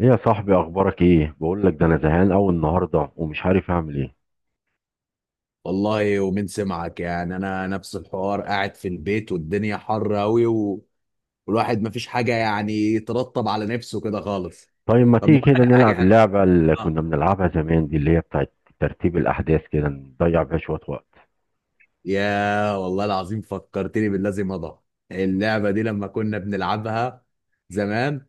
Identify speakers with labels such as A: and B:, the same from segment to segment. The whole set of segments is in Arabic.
A: ايه يا صاحبي، اخبارك ايه؟ بقول لك ده انا زهقان قوي النهارده ومش عارف اعمل ايه.
B: والله ومين سمعك؟ يعني انا نفس الحوار، قاعد في البيت والدنيا حر قوي والواحد مفيش حاجه يعني يترطب على نفسه كده خالص.
A: طيب، ما
B: طب ما
A: تيجي
B: اقول
A: كده
B: لك على حاجه
A: نلعب
B: حلوه.
A: اللعبه اللي
B: اه.
A: كنا بنلعبها زمان دي، اللي هي بتاعت ترتيب الاحداث، كده نضيع بيها شويه وقت.
B: يا والله العظيم فكرتني باللازم مضى، اللعبه دي لما كنا بنلعبها زمان.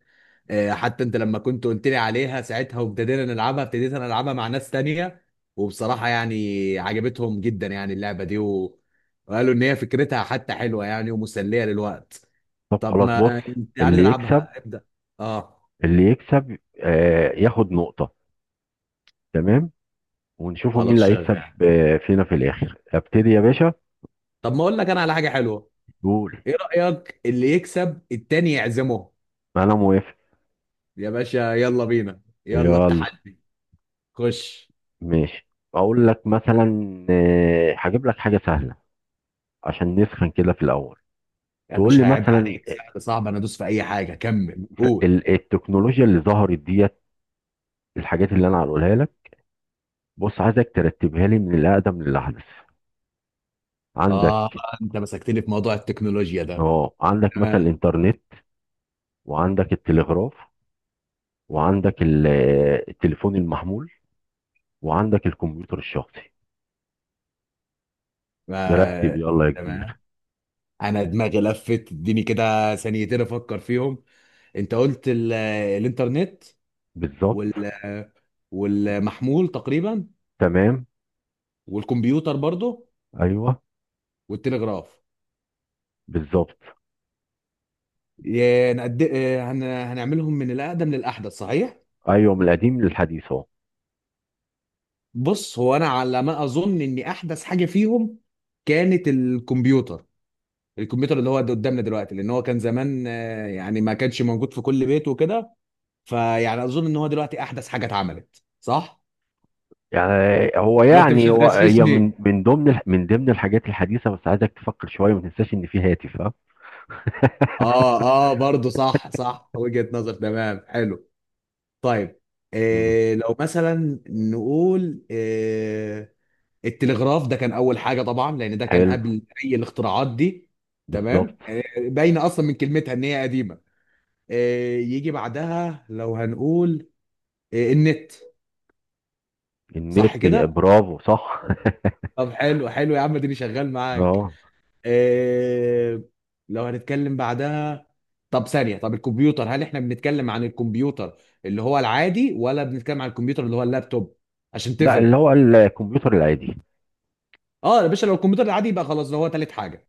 B: حتى انت لما كنت قلت لي عليها ساعتها وابتدينا نلعبها، ابتديت انا العبها مع ناس تانية وبصراحة يعني عجبتهم جدا يعني اللعبة دي. وقالوا ان هي فكرتها حتى حلوة يعني ومسلية للوقت.
A: طب
B: طب
A: خلاص،
B: ما
A: بص.
B: يعني
A: اللي يكسب
B: نلعبها، ابدأ. اه،
A: اللي يكسب ياخد نقطه. تمام. ونشوفوا مين
B: خلاص
A: اللي هيكسب
B: شغال.
A: فينا في الاخر. ابتدي يا باشا.
B: طب ما اقول لك انا على حاجة حلوة،
A: قول.
B: ايه رأيك؟ اللي يكسب التاني يعزمه.
A: انا موافق.
B: يا باشا يلا بينا، يلا
A: يلا.
B: التحدي. خش.
A: ماشي. اقول لك مثلا، هجيب لك حاجه سهله عشان نسخن كده في الاول.
B: يا
A: تقول لي
B: باشا عيب
A: مثلا
B: عليك، سهل صعب انا ادوس في اي حاجة، كمل قول.
A: التكنولوجيا اللي ظهرت ديت، الحاجات اللي انا هقولها لك، بص عايزك ترتبها لي من الاقدم للاحدث.
B: اه،
A: عندك.
B: انت مسكتني في موضوع التكنولوجيا ده.
A: اه، عندك مثلا
B: تمام.
A: الانترنت، وعندك التلغراف، وعندك التليفون المحمول، وعندك الكمبيوتر الشخصي. نرتب
B: ما
A: يلا يا كبير.
B: تمام، انا دماغي لفت، اديني كده ثانيتين افكر فيهم. انت قلت الانترنت
A: بالظبط.
B: وال... والمحمول تقريبا
A: تمام.
B: والكمبيوتر برضه
A: ايوه.
B: والتلغراف.
A: بالظبط.
B: يا نقد... آه، هن... هنعملهم من الاقدم للاحدث، صحيح؟
A: ايوه، من القديم للحديث اهو.
B: بص، هو انا على ما اظن ان احدث حاجه فيهم كانت الكمبيوتر. الكمبيوتر اللي هو ده قدامنا دلوقتي، لان هو كان زمان يعني ما كانش موجود في كل بيت وكده. فيعني اظن ان هو دلوقتي احدث حاجه اتعملت، صح؟
A: يعني هو،
B: ولا انت مش
A: يعني هو، هي
B: هتغششني.
A: من ضمن الحاجات الحديثه، بس عايزك تفكر شويه، ما تنساش ان في هاتف ها.
B: اه. اه برضه، صح صح، وجهة نظر، تمام حلو. طيب،
A: مم.
B: إيه لو مثلا نقول إيه، التلغراف ده كان اول حاجه طبعا، لان ده كان
A: حلو.
B: قبل اي الاختراعات دي.
A: بالظبط.
B: تمام، إيه باينه اصلا من كلمتها ان هي قديمه. إيه يجي بعدها؟ لو هنقول إيه، النت. صح
A: النت،
B: كده.
A: برافو، صح.
B: طب حلو حلو يا عم، اديني شغال معاك.
A: اه،
B: إيه لو هنتكلم بعدها؟ طب ثانية، طب الكمبيوتر هل احنا بنتكلم عن الكمبيوتر اللي هو العادي ولا بنتكلم عن الكمبيوتر اللي هو اللابتوب؟ عشان
A: لا، اللي
B: تفرق.
A: هو الكمبيوتر العادي.
B: اه يا باشا، لو الكمبيوتر العادي يبقى خلاص ده هو تالت حاجة.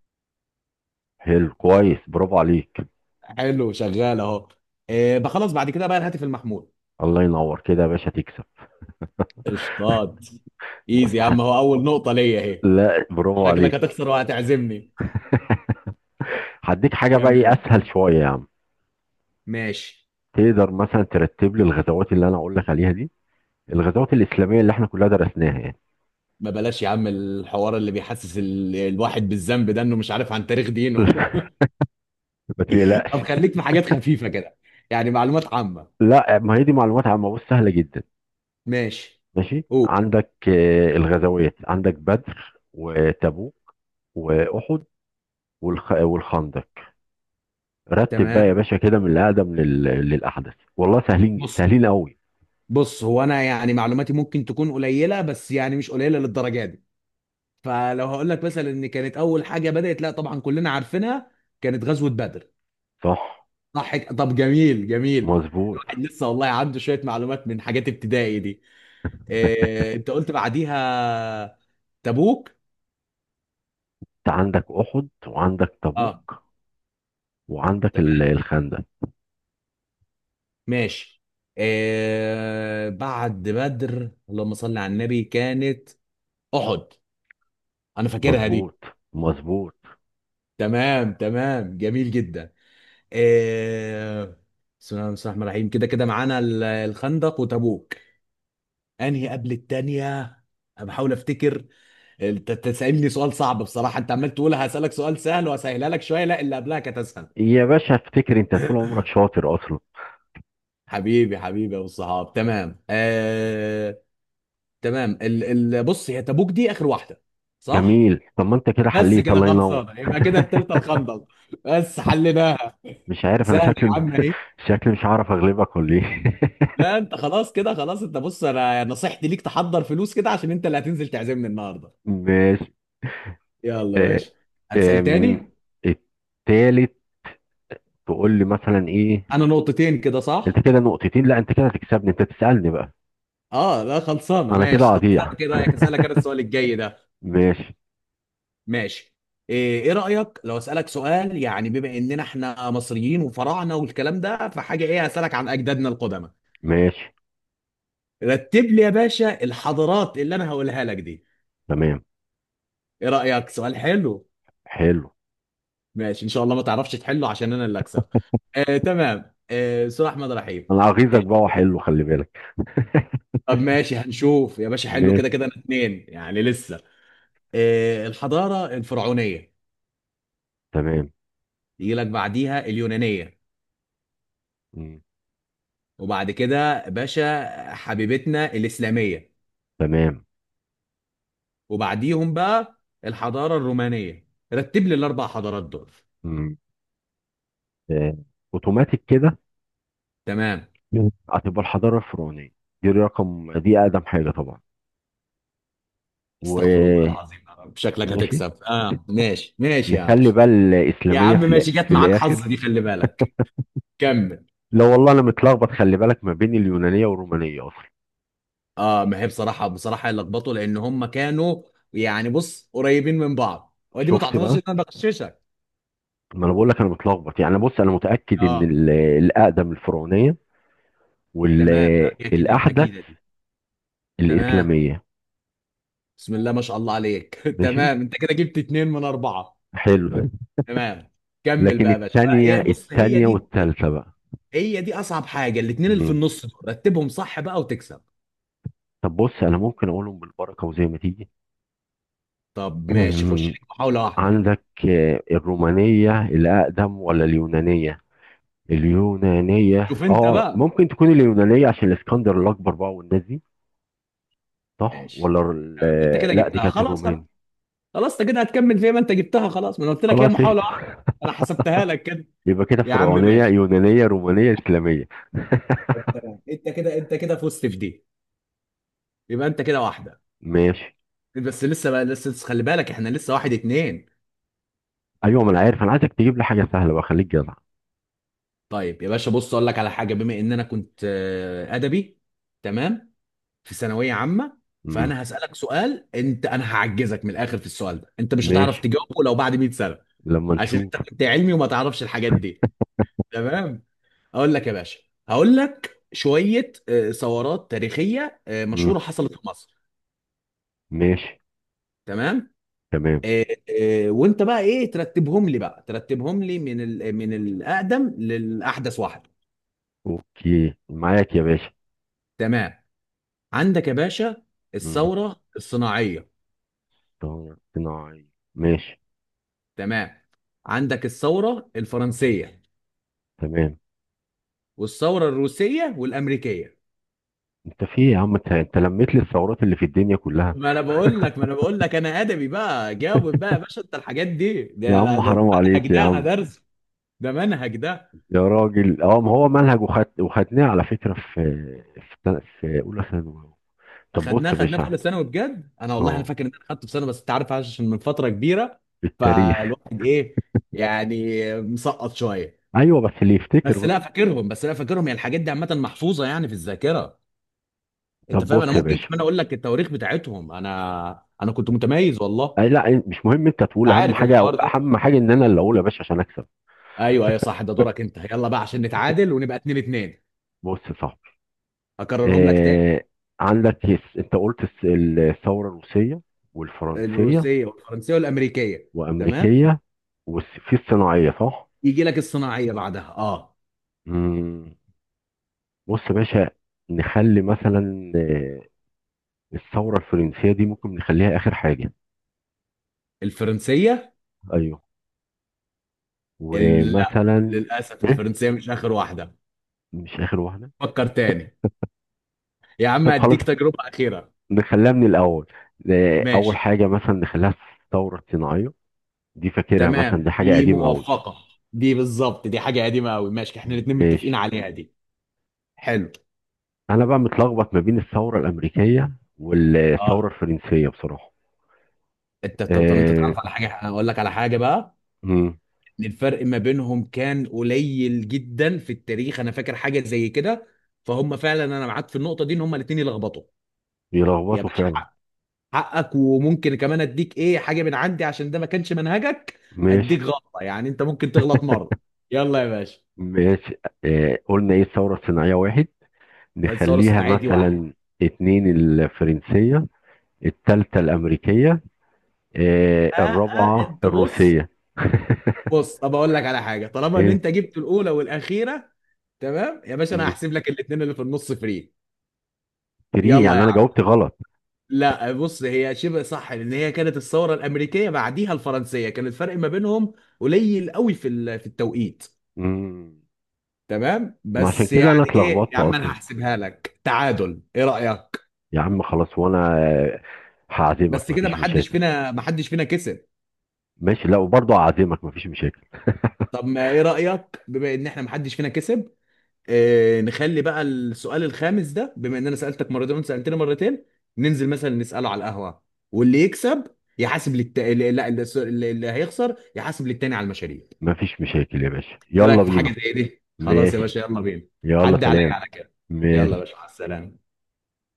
A: حلو، كويس، برافو عليك.
B: حلو شغال اهو. إيه بخلص بعد كده بقى؟ الهاتف المحمول.
A: الله ينور كده يا باشا، تكسب.
B: قشطات، ايزي
A: بص
B: يا عم، هو اول نقطة ليا اهي.
A: لا، برافو
B: شكلك
A: عليك.
B: هتخسر وهتعزمني.
A: هديك حاجه بقى، ايه
B: كمل.
A: اسهل شويه يا عم.
B: ماشي.
A: تقدر مثلا ترتب لي الغزوات اللي انا اقول لك عليها دي، الغزوات الاسلاميه اللي احنا كلها درسناها يعني.
B: ما بلاش يا عم الحوار اللي بيحسس الواحد بالذنب ده، انه مش عارف عن تاريخ دينه.
A: ما
B: طب
A: تقلقش.
B: خليك في حاجات خفيفة كده، يعني معلومات عامة.
A: لا، ما هي دي معلومات عامه، بص سهله جدا.
B: ماشي.
A: ماشي.
B: اوه،
A: عندك الغزوات، عندك بدر وتبوك، واحد، والخندق. رتب بقى يا
B: تمام.
A: باشا كده من الأقدم للأحدث، والله سهلين
B: بص،
A: سهلين قوي.
B: بص هو انا يعني معلوماتي ممكن تكون قليلة، بس يعني مش قليلة للدرجة دي. فلو هقول لك مثلا ان كانت اول حاجة بدأت، لا طبعا كلنا عارفينها كانت غزوة بدر.
A: صح.
B: صح طب، جميل جميل.
A: مظبوط.
B: الواحد لسه والله عنده شوية معلومات من حاجات ابتدائي دي. إيه، انت قلت بعديها تبوك.
A: انت عندك أحد، وعندك
B: اه
A: تبوك، وعندك الخندق.
B: ماشي. آه بعد بدر، اللهم صل على النبي، كانت احد، انا فاكرها دي.
A: مظبوط. مظبوط.
B: تمام تمام جميل جدا. آه بسم الله الرحمن الرحيم، كده كده معانا الخندق وتبوك، انهي قبل التانية؟ انا بحاول افتكر. انت تسألني سؤال صعب بصراحة، انت عمال تقول هسألك سؤال سهل وهسهلها لك شوية، لا اللي قبلها كانت اسهل.
A: يا باشا افتكر انت طول عمرك شاطر اصلا.
B: حبيبي يا الصحاب، تمام آه، تمام ال ال بص، هي تبوك دي اخر واحدة، صح؟
A: جميل، طب ما انت كده
B: بس
A: حليت،
B: كده
A: الله ينور.
B: خلصانه، يبقى كده التالتة الخندق. بس حلناها.
A: مش عارف انا
B: سهله يا
A: شكلي
B: عم اهي.
A: شكلي مش هعرف اغلبك ولا ايه؟
B: لا انت خلاص كده، خلاص انت بص، انا نصيحتي ليك تحضر فلوس كده، عشان انت اللي هتنزل تعزمني النهارده.
A: ماشي.
B: يلا يا
A: آه،
B: باشا. هتسال
A: آم،
B: تاني.
A: التالت. تقول لي مثلا ايه؟
B: انا نقطتين كده،
A: انت
B: صح؟
A: كده نقطتين؟ لا، انت كده هتكسبني. انت تسألني بقى.
B: اه لا خلصانه،
A: انا كده
B: ماشي. طب
A: قطيع.
B: اسالك، ايه رايك اسالك انا السؤال الجاي ده؟
A: ماشي.
B: ماشي. ايه، إيه رايك لو اسالك سؤال يعني بما اننا احنا مصريين وفراعنه والكلام ده، فحاجه، ايه، هسالك عن اجدادنا القدماء.
A: ماشي.
B: رتب لي يا باشا الحضارات اللي انا هقولها لك دي.
A: تمام.
B: ايه رأيك؟ سؤال حلو.
A: حلو.
B: ماشي، ان شاء الله ما تعرفش تحله عشان انا اللي اكسب. آه تمام، آه سؤال احمد رحيم.
A: انا
B: آه.
A: اغيظك بقى، وحلو، خلي بالك.
B: طب ماشي هنشوف يا باشا، حلو، كده
A: ماشي.
B: كده انا اتنين يعني لسه. آه، الحضارة الفرعونية،
A: تمام.
B: يجي لك بعديها اليونانية،
A: مم.
B: وبعد كده باشا حبيبتنا الإسلامية،
A: تمام.
B: وبعديهم بقى الحضارة الرومانية. رتب لي الاربع حضارات دول.
A: مم. آه، اوتوماتيك كده.
B: تمام.
A: هتبقى الحضاره الفرعونيه، دي اقدم حاجه طبعا.
B: استغفر الله
A: وماشي.
B: العظيم يا رب، شكلك هتكسب، اه ماشي ماشي يا عم.
A: نخلي بقى
B: يا
A: الاسلاميه
B: عم
A: في
B: ماشي، جت
A: في
B: معاك حظ
A: الاخر.
B: دي، خلي بالك. كمل.
A: لا والله انا متلخبط، خلي بالك، ما بين اليونانيه والرومانيه اصلا.
B: اه، ما هي بصراحه بصراحه لخبطوا لان هم كانوا يعني بص قريبين من بعض، ودي ما
A: شفت
B: تعتبرش
A: بقى؟
B: ان انا بغششك.
A: ما انا بقول لك انا متلخبط يعني. بص انا متاكد ان
B: اه
A: الاقدم الفرعونيه،
B: تمام. اكيد
A: والاحدث
B: اكيد دي. تمام.
A: الإسلامية.
B: بسم الله ما شاء الله عليك.
A: ماشي.
B: تمام، انت كده جبت اتنين من اربعه.
A: حلو.
B: تمام، كمل
A: لكن
B: بقى يا باشا.
A: التانية،
B: هي بص هي دي،
A: والتالتة بقى.
B: هي دي اصعب حاجه، الاتنين اللي في
A: مم.
B: النص دول رتبهم صح بقى وتكسب.
A: طب بص، أنا ممكن أقولهم بالبركة وزي ما تيجي.
B: طب ماشي، خش
A: مم.
B: لك محاوله واحده.
A: عندك الرومانية الأقدم ولا اليونانية؟
B: شوف
A: اليونانية،
B: انت
A: اه
B: بقى.
A: ممكن تكون اليونانية عشان الاسكندر الأكبر بقى والناس دي. صح،
B: ماشي.
A: ولا
B: تمام انت كده
A: لا دي
B: جبتها،
A: كانت
B: خلاص خلاص.
A: الرومان.
B: خلاص انت كده هتكمل فيها، ما انت جبتها خلاص، ما انا قلت لك هي
A: خلاص،
B: محاولة واحدة.
A: قشطة.
B: انا حسبتها لك كده.
A: يبقى كده
B: يا عم
A: فرعونية،
B: ماشي.
A: يونانية، رومانية، إسلامية.
B: انت كده، انت كده فزت في دي، يبقى انت كده واحدة.
A: ماشي.
B: بس لسه بقى، لسه لسه خلي بالك، احنا لسه واحد اتنين.
A: أيوة، ما أنا عارف. أنا عايزك تجيب لي حاجة سهلة بقى، خليك جدع.
B: طيب يا باشا، بص اقول لك على حاجة، بما ان انا كنت ادبي. تمام. في ثانوية عامة.
A: مم.
B: فانا هسألك سؤال، انت انا هعجزك من الاخر في السؤال ده، انت مش هتعرف
A: ماشي،
B: تجاوبه لو بعد 100 سنة.
A: لما
B: عشان انت
A: نشوف.
B: كنت علمي وما تعرفش الحاجات دي. تمام. اقول لك يا باشا، هقول لك شويه ثورات تاريخيه
A: مم.
B: مشهوره حصلت في مصر.
A: ماشي.
B: تمام.
A: تمام.
B: آه، وانت بقى ايه، ترتبهم لي بقى، ترتبهم لي من من الاقدم للاحدث واحده.
A: اوكي، معاك يا باشا.
B: تمام. عندك يا باشا
A: مم.
B: الثوره الصناعيه.
A: طبعاً صناعي. ماشي.
B: تمام، عندك الثوره الفرنسيه
A: تمام.
B: والثوره الروسيه والامريكيه.
A: انت في إيه يا عم، انت لميت لي الثورات اللي في الدنيا كلها.
B: ما انا بقول لك انا ادبي بقى، جاوب بقى يا باشا، انت الحاجات دي،
A: يا
B: ده
A: عم
B: ده ده
A: حرام
B: منهج
A: عليك يا
B: ده، انا
A: عم.
B: درس، ده منهج ده.
A: يا راجل، اه ما هو منهج، وخدناه على فكرة في اولى ثانوي. طب بص
B: خدناه،
A: يا
B: خدناه في
A: باشا.
B: اولى ثانوي بجد، انا والله انا
A: اه،
B: فاكر ان انا خدته في سنه، بس انت عارف عشان من فتره كبيره
A: التاريخ.
B: فالواحد ايه يعني مسقط شويه.
A: ايوه، بس اللي يفتكر
B: بس
A: بقى.
B: لا فاكرهم، بس لا فاكرهم، يعني الحاجات دي عامه محفوظه يعني في الذاكره، انت
A: طب
B: فاهم؟
A: بص
B: انا
A: يا
B: ممكن
A: باشا،
B: كمان اقول لك التواريخ بتاعتهم، انا كنت متميز والله.
A: أي، لا مش مهم انت
B: انت
A: تقول، اهم
B: عارف
A: حاجة،
B: الحوار ده.
A: اهم حاجة ان انا اللي اقول يا باشا عشان اكسب.
B: ايوه ايوه صح، ده دورك انت، يلا بقى عشان نتعادل ونبقى 2 2.
A: بص، صح.
B: هكررهم لك تاني،
A: آه، عندك يس، انت قلت الثورة الروسية والفرنسية
B: الروسيه والفرنسيه والامريكيه. تمام.
A: وأمريكية، وفي الصناعية صح؟
B: يجي لك الصناعيه بعدها، اه.
A: مم. بص يا باشا، نخلي مثلا الثورة الفرنسية دي ممكن نخليها آخر حاجة.
B: الفرنسيه.
A: أيوه.
B: لا
A: ومثلا،
B: للأسف
A: إيه؟
B: الفرنسية مش آخر واحدة،
A: مش آخر واحدة؟
B: فكر تاني. يا عم
A: طب خلاص،
B: أديك تجربة أخيرة.
A: نخليها من الأول. أول
B: ماشي.
A: حاجة مثلا نخليها الثورة الصناعية، دي فاكرها
B: تمام
A: مثلا، دي حاجة
B: دي
A: قديمة أوي.
B: موفقة. دي بالظبط، دي حاجة قديمة أوي، ماشي احنا الاتنين متفقين
A: ماشي.
B: عليها دي. حلو.
A: انا بقى متلخبط ما بين الثوره الامريكيه والثوره
B: اه،
A: الفرنسيه بصراحه.
B: طب انت
A: آه
B: تعرف على حاجة، أنا أقول لك على حاجة بقى،
A: مم،
B: إن الفرق ما بينهم كان قليل جدا في التاريخ، أنا فاكر حاجة زي كده، فهم فعلا أنا معاك في النقطة دي إن هم الاتنين يلخبطوا. يا
A: بيلخبطوا
B: باشا
A: فعلا.
B: حقك، وممكن كمان اديك ايه، حاجه من عندي عشان ده ما كانش منهجك،
A: ماشي.
B: اديك غلطه يعني، انت ممكن تغلط مره. يلا يا باشا.
A: ماشي. قلنا ايه، الثوره الصناعيه واحد،
B: الثوره
A: نخليها
B: الصناعيه دي واحد.
A: مثلا اتنين الفرنسيه، التالتة الامريكيه،
B: اه اه
A: الرابعه
B: انت بص،
A: الروسيه.
B: بص طب اقول لك على حاجه، طالما ان
A: ايه.
B: انت جبت الاولى والاخيره، تمام يا باشا، انا
A: مم.
B: هحسب لك الاثنين اللي في النص فري.
A: تري،
B: يلا
A: يعني
B: يا
A: انا
B: عم.
A: جاوبت غلط.
B: لا بص، هي شبه صح لان هي كانت الثوره الامريكيه بعديها الفرنسيه، كان الفرق ما بينهم قليل قوي في في التوقيت.
A: مم.
B: تمام،
A: ما عشان
B: بس
A: كده انا
B: يعني ايه
A: اتلخبطت
B: يا عم انا
A: اصلا.
B: هحسبها لك تعادل، ايه رايك؟
A: يا عم خلاص، وانا هعزمك،
B: بس كده
A: مفيش
B: ما حدش
A: مشاكل.
B: فينا ما حدش فينا كسب.
A: ماشي. لا، وبرضه هعزمك، مفيش مشاكل.
B: طب ما ايه رأيك، بما ان احنا ما حدش فينا كسب، اه نخلي بقى السؤال الخامس ده، بما ان انا سألتك مرتين وانت سألتني مرتين، ننزل مثلا نسأله على القهوة، واللي يكسب يحاسب للت... لا لا، الس- اللي اللي هيخسر يحاسب للتاني على المشاريب.
A: مفيش مشاكل يا باشا،
B: ايه رأيك
A: يلا
B: في حاجة
A: بينا.
B: زي دي؟ خلاص يا
A: ماشي.
B: باشا يلا بينا.
A: يلا،
B: عدي عليا
A: سلام.
B: على كده. يلا يا
A: ماشي.
B: باشا، مع السلامة.